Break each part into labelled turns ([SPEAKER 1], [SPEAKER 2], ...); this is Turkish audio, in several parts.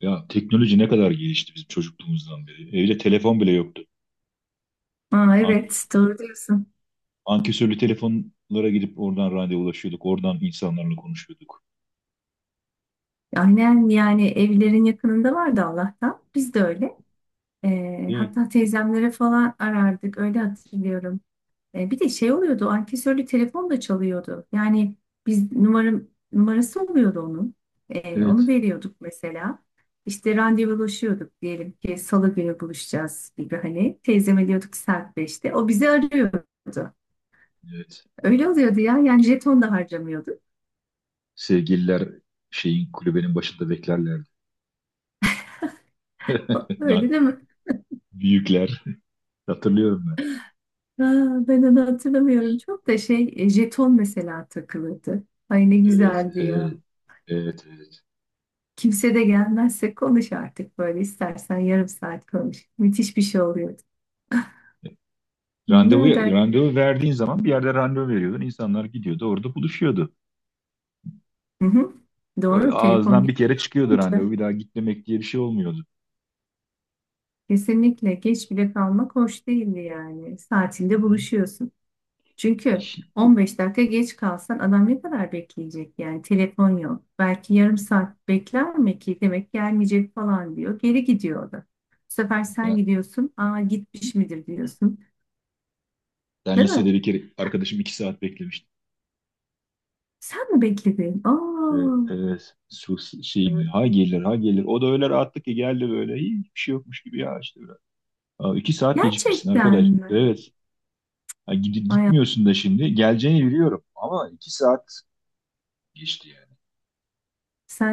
[SPEAKER 1] Ya teknoloji ne kadar gelişti bizim çocukluğumuzdan beri. Evde telefon bile yoktu.
[SPEAKER 2] Aa,
[SPEAKER 1] Ank-
[SPEAKER 2] evet doğru diyorsun.
[SPEAKER 1] Ankesörlü telefonlara gidip oradan randevulaşıyorduk. Oradan insanlarla konuşuyorduk.
[SPEAKER 2] Aynen yani evlerin yakınında vardı Allah'tan. Biz de öyle.
[SPEAKER 1] Evet.
[SPEAKER 2] Hatta teyzemlere falan arardık öyle hatırlıyorum. Bir de şey oluyordu ankesörlü telefon da çalıyordu. Yani biz numarası oluyordu onun. Onu
[SPEAKER 1] Evet.
[SPEAKER 2] veriyorduk mesela. İşte randevulaşıyorduk diyelim ki salı günü buluşacağız gibi hani. Teyzeme diyorduk ki saat 5'te. O bizi arıyordu.
[SPEAKER 1] Evet.
[SPEAKER 2] Öyle oluyordu ya yani jeton da harcamıyorduk.
[SPEAKER 1] Sevgililer kulübenin başında beklerlerdi. Yani
[SPEAKER 2] Öyle değil mi?
[SPEAKER 1] Büyükler. Hatırlıyorum ben.
[SPEAKER 2] Ha, ben onu hatırlamıyorum çok da jeton mesela takılırdı. Ay ne
[SPEAKER 1] Evet.
[SPEAKER 2] güzeldi
[SPEAKER 1] Evet.
[SPEAKER 2] ya.
[SPEAKER 1] Evet. Evet.
[SPEAKER 2] Kimse de gelmezse konuş artık böyle istersen yarım saat konuş. Müthiş bir şey oluyordu.
[SPEAKER 1] Randevu,
[SPEAKER 2] Ne kadar.
[SPEAKER 1] randevu verdiğin zaman bir yerde randevu veriyordun. İnsanlar gidiyordu. Orada buluşuyordu.
[SPEAKER 2] Hı hı. Doğru telefon
[SPEAKER 1] Ağızdan bir kere çıkıyordu randevu.
[SPEAKER 2] geçmeyince
[SPEAKER 1] Bir daha git demek diye bir şey olmuyordu.
[SPEAKER 2] kesinlikle geç bile kalmak hoş değildi yani.
[SPEAKER 1] Hı
[SPEAKER 2] Saatinde
[SPEAKER 1] hı.
[SPEAKER 2] buluşuyorsun. Çünkü
[SPEAKER 1] İş-
[SPEAKER 2] 15 dakika geç kalsan adam ne kadar bekleyecek yani telefon yok. Belki yarım saat bekler mi ki demek gelmeyecek falan diyor. Geri gidiyor o da. Bu sefer sen gidiyorsun. Aa, gitmiş midir diyorsun.
[SPEAKER 1] Ben
[SPEAKER 2] Değil mi?
[SPEAKER 1] lisede bir kere arkadaşım iki saat beklemiştim.
[SPEAKER 2] Sen mi bekledin?
[SPEAKER 1] Ve,
[SPEAKER 2] Aa,
[SPEAKER 1] e, Şey mi? Ha gelir, ha gelir. O da öyle rahatlık ki geldi böyle. "İyi, hiçbir şey yokmuş gibi ya işte. Biraz." Aa, iki saat gecikmişsin
[SPEAKER 2] gerçekten
[SPEAKER 1] arkadaş.
[SPEAKER 2] mi?
[SPEAKER 1] Evet. Ha,
[SPEAKER 2] Ay,
[SPEAKER 1] gitmiyorsun da şimdi. Geleceğini biliyorum. Ama iki saat geçti yani.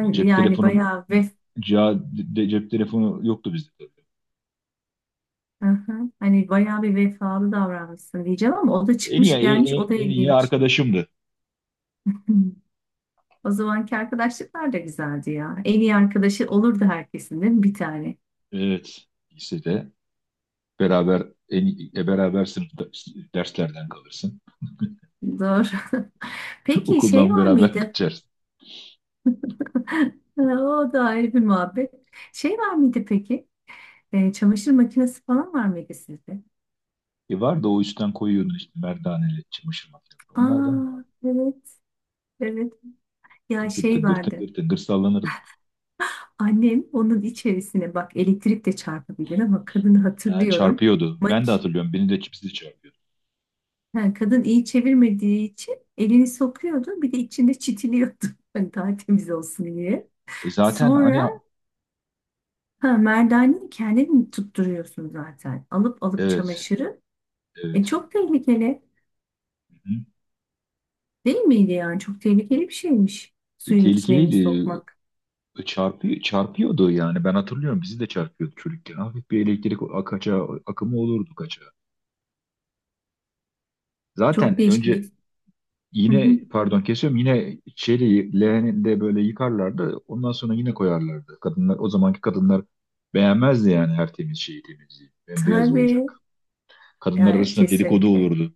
[SPEAKER 1] O Cep
[SPEAKER 2] yani
[SPEAKER 1] telefonu
[SPEAKER 2] bayağı.
[SPEAKER 1] ca- de- Cep telefonu yoktu bizde, tabii.
[SPEAKER 2] Hı hı. Hani bayağı bir vefalı davranmışsın diyeceğim ama o da çıkmış gelmiş o da
[SPEAKER 1] En iyi
[SPEAKER 2] ilginç.
[SPEAKER 1] arkadaşımdı.
[SPEAKER 2] Hmm. O zamanki arkadaşlıklar da güzeldi ya. En iyi arkadaşı olurdu herkesin değil mi? Bir tane.
[SPEAKER 1] Evet. Lisede beraber, en, beraber sınıfta derslerden kalırsın.
[SPEAKER 2] Doğru. Peki şey
[SPEAKER 1] Okuldan
[SPEAKER 2] var
[SPEAKER 1] beraber
[SPEAKER 2] mıydı?
[SPEAKER 1] kaçarsın.
[SPEAKER 2] O da ayrı bir muhabbet. Şey var mıydı peki? Çamaşır makinesi falan var mıydı sizde?
[SPEAKER 1] E, vardı, o üstten koyuyordun işte, merdaneli çamaşır makinesi. Onlardan vardı.
[SPEAKER 2] Aa, evet, evet. Ya
[SPEAKER 1] Tıngır
[SPEAKER 2] şey
[SPEAKER 1] tıngır
[SPEAKER 2] vardı.
[SPEAKER 1] tıngır tıngır sallanırdı.
[SPEAKER 2] Annem onun içerisine bak elektrik de çarpabilir ama kadını
[SPEAKER 1] Ha,
[SPEAKER 2] hatırlıyorum.
[SPEAKER 1] çarpıyordu.
[SPEAKER 2] Mak
[SPEAKER 1] Ben de hatırlıyorum. Beni de çipsi de çarpıyordu.
[SPEAKER 2] ha, Kadın iyi çevirmediği için elini sokuyordu. Bir de içinde çitiliyordu. Hani daha temiz olsun diye.
[SPEAKER 1] E zaten hani
[SPEAKER 2] Sonra ha, merdaneyi kendin tutturuyorsun zaten. Alıp alıp
[SPEAKER 1] evet,
[SPEAKER 2] çamaşırı.
[SPEAKER 1] evet.
[SPEAKER 2] Çok tehlikeli.
[SPEAKER 1] Hı hı.
[SPEAKER 2] Değil miydi yani? Çok tehlikeli bir şeymiş.
[SPEAKER 1] E,
[SPEAKER 2] Suyun içine elini
[SPEAKER 1] tehlikeliydi.
[SPEAKER 2] sokmak.
[SPEAKER 1] E, çarpıyordu yani. Ben hatırlıyorum. Bizi de çarpıyordu çocukken. Hafif bir elektrik akımı olurdu kaça.
[SPEAKER 2] Çok
[SPEAKER 1] Zaten
[SPEAKER 2] değişik
[SPEAKER 1] önce,
[SPEAKER 2] bir. Hı hı.
[SPEAKER 1] yine pardon kesiyorum, yine çeliği leğeninde böyle yıkarlardı. Ondan sonra yine koyarlardı. Kadınlar, o zamanki kadınlar beğenmezdi yani her temiz şeyi, temizliği. Bembeyaz olacak.
[SPEAKER 2] Tabii.
[SPEAKER 1] Kadınlar
[SPEAKER 2] Yani
[SPEAKER 1] arasında dedikodu
[SPEAKER 2] kesinlikle.
[SPEAKER 1] olurdu.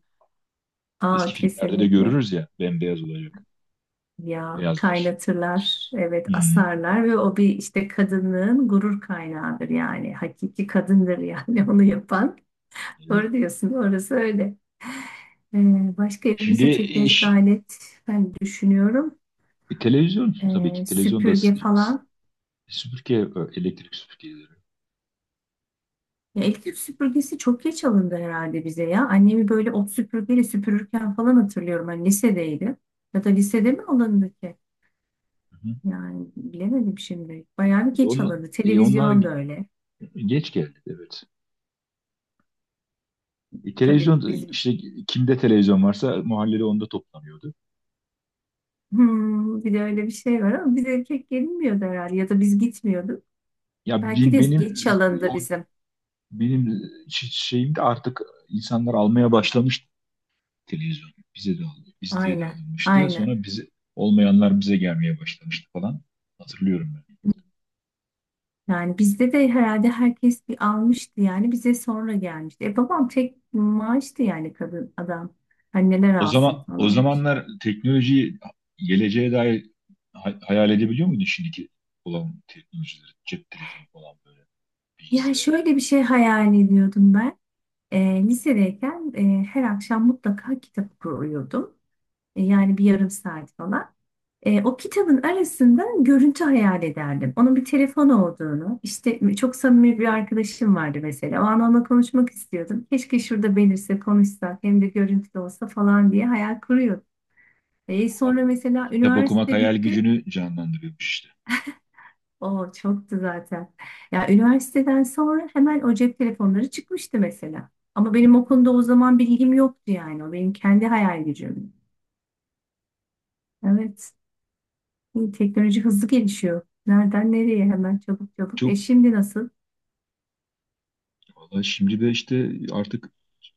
[SPEAKER 1] Eski
[SPEAKER 2] Aa,
[SPEAKER 1] filmlerde de
[SPEAKER 2] kesinlikle.
[SPEAKER 1] görürüz ya, bembeyaz olacak
[SPEAKER 2] Ya
[SPEAKER 1] beyazlar.
[SPEAKER 2] kaynatırlar. Evet,
[SPEAKER 1] Hmm,
[SPEAKER 2] asarlar ve o bir işte kadının gurur kaynağıdır yani. Hakiki kadındır yani onu yapan.
[SPEAKER 1] evet.
[SPEAKER 2] Doğru diyorsun. Orası öyle. Ee, Başka
[SPEAKER 1] Şimdi
[SPEAKER 2] elimizde teknolojik
[SPEAKER 1] iş,
[SPEAKER 2] alet ben düşünüyorum.
[SPEAKER 1] Televizyon, tabii ki televizyonda
[SPEAKER 2] Süpürge falan.
[SPEAKER 1] süpürge, elektrik süpürgeleri.
[SPEAKER 2] Ya elektrik süpürgesi çok geç alındı herhalde bize ya. Annemi böyle ot süpürgeyle süpürürken falan hatırlıyorum. Hani lisedeydi. Ya da lisede mi alındı ki?
[SPEAKER 1] Hı hı.
[SPEAKER 2] Yani bilemedim şimdi. Bayağı bir
[SPEAKER 1] E,
[SPEAKER 2] geç
[SPEAKER 1] onlar,
[SPEAKER 2] alındı.
[SPEAKER 1] Onlar
[SPEAKER 2] Televizyon da öyle.
[SPEAKER 1] geç geldi, evet. E,
[SPEAKER 2] Tabii
[SPEAKER 1] televizyon
[SPEAKER 2] bizim.
[SPEAKER 1] işte, kimde televizyon varsa mahallede, onda toplanıyordu.
[SPEAKER 2] Bir de öyle bir şey var ama bize pek gelinmiyordu herhalde. Ya da biz gitmiyorduk. Belki de
[SPEAKER 1] Benim
[SPEAKER 2] geç alındı
[SPEAKER 1] o
[SPEAKER 2] bizim.
[SPEAKER 1] benim şeyim de, artık insanlar almaya başlamış televizyonu. Bize de aldı, bizde de
[SPEAKER 2] Aynen.
[SPEAKER 1] alınmıştı.
[SPEAKER 2] Aynen.
[SPEAKER 1] Sonra bize olmayanlar bize gelmeye başlamıştı falan. Hatırlıyorum ben.
[SPEAKER 2] Yani bizde de herhalde herkes bir almıştı yani bize sonra gelmişti. Babam tek maaştı yani kadın adam. Hani neler alsın
[SPEAKER 1] O
[SPEAKER 2] falan.
[SPEAKER 1] zamanlar teknolojiyi, geleceğe dair hayal edebiliyor muydun şimdiki olan teknolojileri? Cep telefonu falan, böyle
[SPEAKER 2] Yani
[SPEAKER 1] bilgisayar.
[SPEAKER 2] şöyle bir şey hayal ediyordum ben. Lisedeyken her akşam mutlaka kitap okuyordum. Yani bir yarım saat falan. O kitabın arasında görüntü hayal ederdim. Onun bir telefon olduğunu, işte çok samimi bir arkadaşım vardı mesela. O an onunla konuşmak istiyordum. Keşke şurada belirse konuşsak hem de görüntülü olsa falan diye hayal kuruyordum. Sonra mesela
[SPEAKER 1] Kitap okumak
[SPEAKER 2] üniversite
[SPEAKER 1] hayal
[SPEAKER 2] bitti.
[SPEAKER 1] gücünü canlandırıyormuş işte.
[SPEAKER 2] O çoktu zaten. Ya üniversiteden sonra hemen o cep telefonları çıkmıştı mesela. Ama benim o konuda o zaman bilgim yoktu yani. O benim kendi hayal gücüm. Evet. İyi, teknoloji hızlı gelişiyor. Nereden nereye hemen çabuk çabuk.
[SPEAKER 1] Çok.
[SPEAKER 2] Şimdi nasıl?
[SPEAKER 1] Valla şimdi de işte artık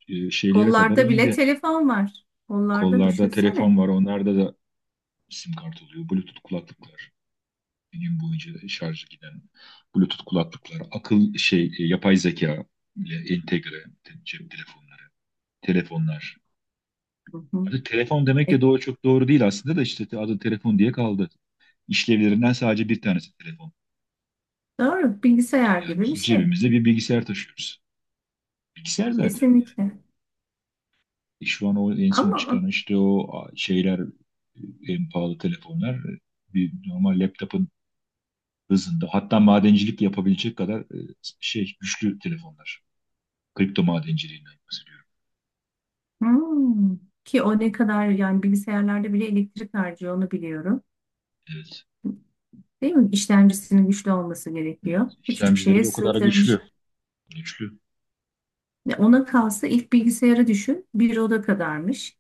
[SPEAKER 1] şeylere kadar
[SPEAKER 2] Kollarda bile
[SPEAKER 1] indi.
[SPEAKER 2] telefon var. Kollarda
[SPEAKER 1] Kollarda telefon
[SPEAKER 2] düşünsene.
[SPEAKER 1] var, onlarda da sim kart oluyor. Bluetooth kulaklıklar. Bir gün boyunca şarjı giden Bluetooth kulaklıklar. Yapay zeka ile entegre cep telefonları, telefonlar.
[SPEAKER 2] Hı hı.
[SPEAKER 1] Hadi telefon demek de
[SPEAKER 2] E,
[SPEAKER 1] doğru, çok doğru değil aslında da, işte adı telefon diye kaldı. İşlevlerinden sadece bir tanesi telefon.
[SPEAKER 2] doğru. Bilgisayar
[SPEAKER 1] Yani
[SPEAKER 2] gibi bir şey.
[SPEAKER 1] cebimizde bir bilgisayar taşıyoruz. Bilgisayar zaten.
[SPEAKER 2] Kesinlikle.
[SPEAKER 1] Şu an o en son
[SPEAKER 2] Ama
[SPEAKER 1] çıkan işte o şeyler, en pahalı telefonlar, bir normal laptopun hızında, hatta madencilik yapabilecek kadar güçlü telefonlar. Kripto madenciliğinden bahsediyorum.
[SPEAKER 2] hmm. Ki o ne kadar yani bilgisayarlarda bile elektrik harcıyor onu biliyorum.
[SPEAKER 1] Evet.
[SPEAKER 2] Değil mi? İşlemcisinin güçlü olması gerekiyor.
[SPEAKER 1] Evet.
[SPEAKER 2] Küçücük
[SPEAKER 1] İşlemcileri
[SPEAKER 2] şeye
[SPEAKER 1] de o kadar güçlü.
[SPEAKER 2] sığdırmışlar.
[SPEAKER 1] Güçlü.
[SPEAKER 2] Ya ona kalsa ilk bilgisayarı düşün. Bir oda kadarmış.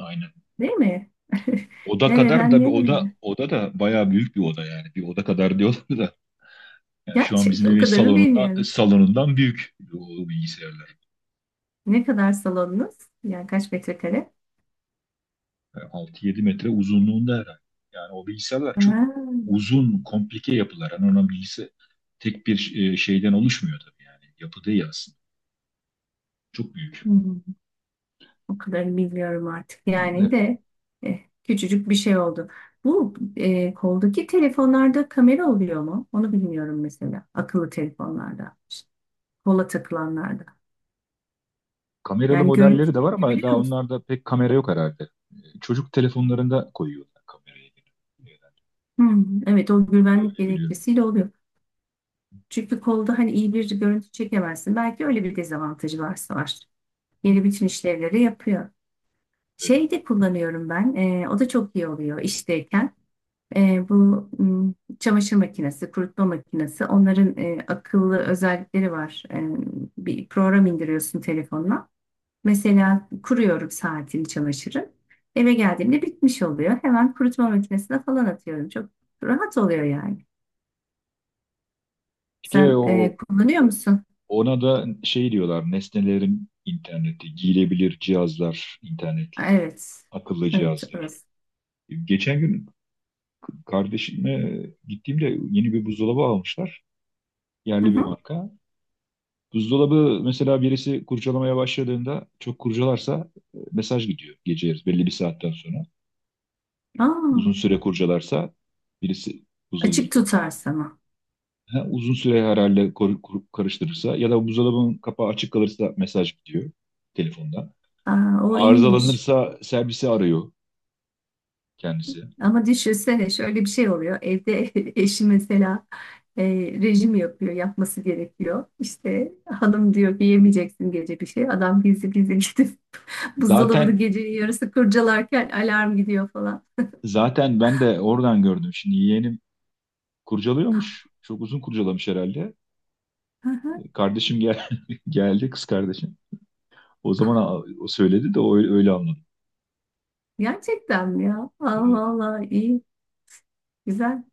[SPEAKER 1] Aynen.
[SPEAKER 2] Değil mi?
[SPEAKER 1] Oda kadar
[SPEAKER 2] Nereden
[SPEAKER 1] da, bir oda
[SPEAKER 2] nereye?
[SPEAKER 1] oda da bayağı büyük bir oda yani. Bir oda kadar diyorlar da. Yani şu an
[SPEAKER 2] Gerçek
[SPEAKER 1] bizim
[SPEAKER 2] o
[SPEAKER 1] evin
[SPEAKER 2] kadarını bilmiyorum.
[SPEAKER 1] salonundan büyük o bilgisayarlar.
[SPEAKER 2] Ne kadar salonunuz? Yani kaç metrekare?
[SPEAKER 1] E, 6-7 metre uzunluğunda herhalde. Yani o bilgisayarlar
[SPEAKER 2] Ha.
[SPEAKER 1] çok uzun, komplike yapılar. Yani onun bilgisi tek bir şeyden oluşmuyor tabii yani. Yapı değil aslında. Çok büyük.
[SPEAKER 2] O kadarını bilmiyorum artık. Yani
[SPEAKER 1] E,
[SPEAKER 2] de eh, küçücük bir şey oldu. Bu koldaki telefonlarda kamera oluyor mu? Onu bilmiyorum mesela. Akıllı telefonlarda, işte kola takılanlarda.
[SPEAKER 1] kameralı
[SPEAKER 2] Yani görüntü
[SPEAKER 1] modelleri de var ama
[SPEAKER 2] çekebiliyor
[SPEAKER 1] daha
[SPEAKER 2] musun?
[SPEAKER 1] onlarda pek kamera yok herhalde. Çocuk telefonlarında koyuyorlar kamerayı. Yani
[SPEAKER 2] Hmm, evet, o güvenlik
[SPEAKER 1] öyle biliyorum.
[SPEAKER 2] gerekçesiyle oluyor. Çünkü kolda hani iyi bir görüntü çekemezsin. Belki öyle bir dezavantajı varsa var.
[SPEAKER 1] Hı hı.
[SPEAKER 2] Yeni bütün işlevleri yapıyor.
[SPEAKER 1] Evet.
[SPEAKER 2] Şey de kullanıyorum ben. O da çok iyi oluyor işteyken. Bu çamaşır makinesi, kurutma makinesi onların akıllı özellikleri var. Bir program indiriyorsun telefonla. Mesela kuruyorum saatini çamaşırı. Eve geldiğimde bitmiş oluyor. Hemen kurutma makinesine falan atıyorum. Çok rahat oluyor yani.
[SPEAKER 1] İşte
[SPEAKER 2] Sen
[SPEAKER 1] o,
[SPEAKER 2] kullanıyor
[SPEAKER 1] o-
[SPEAKER 2] musun?
[SPEAKER 1] ona da şey diyorlar: nesnelerin interneti, giyilebilir cihazlar, internetli,
[SPEAKER 2] Evet.
[SPEAKER 1] akıllı
[SPEAKER 2] Evet,
[SPEAKER 1] cihazlar.
[SPEAKER 2] orası.
[SPEAKER 1] Geçen gün kardeşimle gittiğimde, yeni bir buzdolabı almışlar.
[SPEAKER 2] Hı
[SPEAKER 1] Yerli bir
[SPEAKER 2] hı.
[SPEAKER 1] marka. Buzdolabı mesela, birisi kurcalamaya başladığında, çok kurcalarsa mesaj gidiyor gece yarısı belli bir saatten sonra. Uzun
[SPEAKER 2] Aa,
[SPEAKER 1] süre kurcalarsa birisi buzdolabının
[SPEAKER 2] açık tutar
[SPEAKER 1] kapağını,
[SPEAKER 2] sana.
[SPEAKER 1] ha, uzun süre herhalde karıştırırsa ya da buzdolabının kapağı açık kalırsa mesaj gidiyor telefonda.
[SPEAKER 2] Aa, o iyiymiş.
[SPEAKER 1] Arızalanırsa servisi arıyor kendisi.
[SPEAKER 2] Ama düşünsene şöyle bir şey oluyor. Evde eşi mesela e, rejim yapıyor, yapması gerekiyor. İşte hanım diyor ki yemeyeceksin gece bir şey. Adam gizli gizli gidip buzdolabını
[SPEAKER 1] Zaten
[SPEAKER 2] gecenin yarısı kurcalarken alarm gidiyor falan.
[SPEAKER 1] zaten ben de oradan gördüm. Şimdi yeğenim kurcalıyormuş. Çok uzun kurcalamış herhalde. Kardeşim gel geldi kız kardeşim. O zaman o söyledi de, öyle anladım.
[SPEAKER 2] Gerçekten mi ya?
[SPEAKER 1] Evet.
[SPEAKER 2] Allah Allah, iyi, güzel.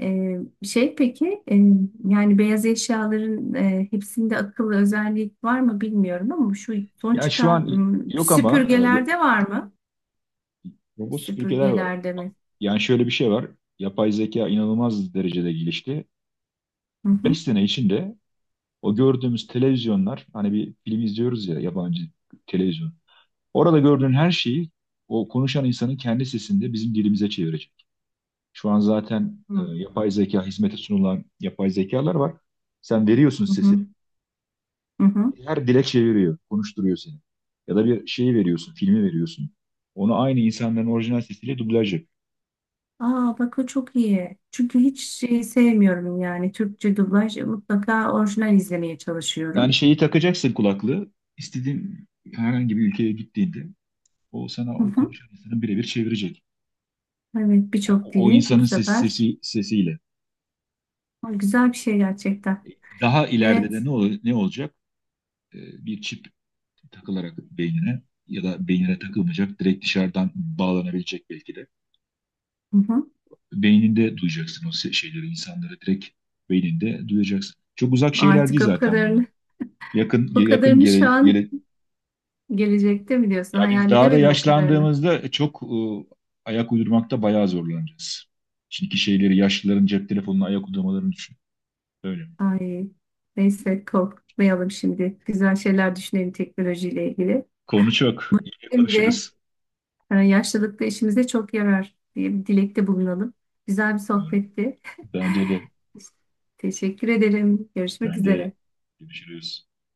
[SPEAKER 2] E, peki, yani beyaz eşyaların hepsinde akıllı özellik var mı bilmiyorum ama şu son
[SPEAKER 1] Ya şu
[SPEAKER 2] çıkan
[SPEAKER 1] an yok ama,
[SPEAKER 2] süpürgelerde var mı?
[SPEAKER 1] robot süpürgeler var.
[SPEAKER 2] Süpürgeler demek.
[SPEAKER 1] Yani şöyle bir şey var. Yapay zeka inanılmaz derecede gelişti.
[SPEAKER 2] Hı hı.
[SPEAKER 1] 5 sene içinde o gördüğümüz televizyonlar, hani bir film izliyoruz ya, yabancı televizyon. Orada gördüğün her şeyi, o konuşan insanın kendi sesinde bizim dilimize çevirecek. Şu an zaten
[SPEAKER 2] Hı
[SPEAKER 1] e,
[SPEAKER 2] hı.
[SPEAKER 1] yapay zeka hizmete sunulan yapay zekalar var. Sen veriyorsun sesi,
[SPEAKER 2] Hı, hı hı.
[SPEAKER 1] her dilekçe veriyor, konuşturuyor seni. Ya da bir şeyi veriyorsun, filmi veriyorsun. Onu aynı insanların orijinal sesiyle dublaj yap.
[SPEAKER 2] Aa, bak o çok iyi. Çünkü hiç şey sevmiyorum yani Türkçe dublaj. Mutlaka orijinal izlemeye çalışıyorum.
[SPEAKER 1] Yani şeyi takacaksın, kulaklığı. İstediğin herhangi bir ülkeye gittiğinde, o
[SPEAKER 2] Hı
[SPEAKER 1] sana o
[SPEAKER 2] hı.
[SPEAKER 1] konuşan insanı birebir çevirecek.
[SPEAKER 2] Evet,
[SPEAKER 1] Yani
[SPEAKER 2] birçok
[SPEAKER 1] o, o
[SPEAKER 2] dili bu
[SPEAKER 1] insanın
[SPEAKER 2] sefer.
[SPEAKER 1] sesiyle.
[SPEAKER 2] Aa, güzel bir şey gerçekten.
[SPEAKER 1] Daha ileride de
[SPEAKER 2] Evet.
[SPEAKER 1] ne olacak? Bir çip takılarak beynine, ya da beynine takılmayacak, direkt dışarıdan bağlanabilecek belki de.
[SPEAKER 2] Hı hı.
[SPEAKER 1] Beyninde duyacaksın o şeyleri, insanlara direkt beyninde duyacaksın. Çok uzak şeyler
[SPEAKER 2] Artık
[SPEAKER 1] değil
[SPEAKER 2] o
[SPEAKER 1] zaten bunlar.
[SPEAKER 2] kadarını
[SPEAKER 1] Yakın
[SPEAKER 2] o
[SPEAKER 1] yakın
[SPEAKER 2] kadarını şu an
[SPEAKER 1] gele,
[SPEAKER 2] gelecekte mi diyorsun?
[SPEAKER 1] ya biz
[SPEAKER 2] Hayal
[SPEAKER 1] daha da
[SPEAKER 2] edemedim o kadarını.
[SPEAKER 1] yaşlandığımızda çok ayak uydurmakta bayağı zorlanacağız. Şimdiki şeyleri, yaşlıların cep telefonuna ayak uydurmalarını düşün. Öyle.
[SPEAKER 2] Ay, neyse korkmayalım şimdi. Güzel şeyler düşünelim teknolojiyle ilgili.
[SPEAKER 1] Konu çok. İyi
[SPEAKER 2] Şimdi
[SPEAKER 1] konuşuruz.
[SPEAKER 2] yaşlılıkta işimize çok yarar diye bir dilekte bulunalım. Güzel bir
[SPEAKER 1] Umarım.
[SPEAKER 2] sohbetti.
[SPEAKER 1] Bence de.
[SPEAKER 2] Teşekkür ederim. Görüşmek
[SPEAKER 1] Ben de.
[SPEAKER 2] üzere.
[SPEAKER 1] Görüşürüz.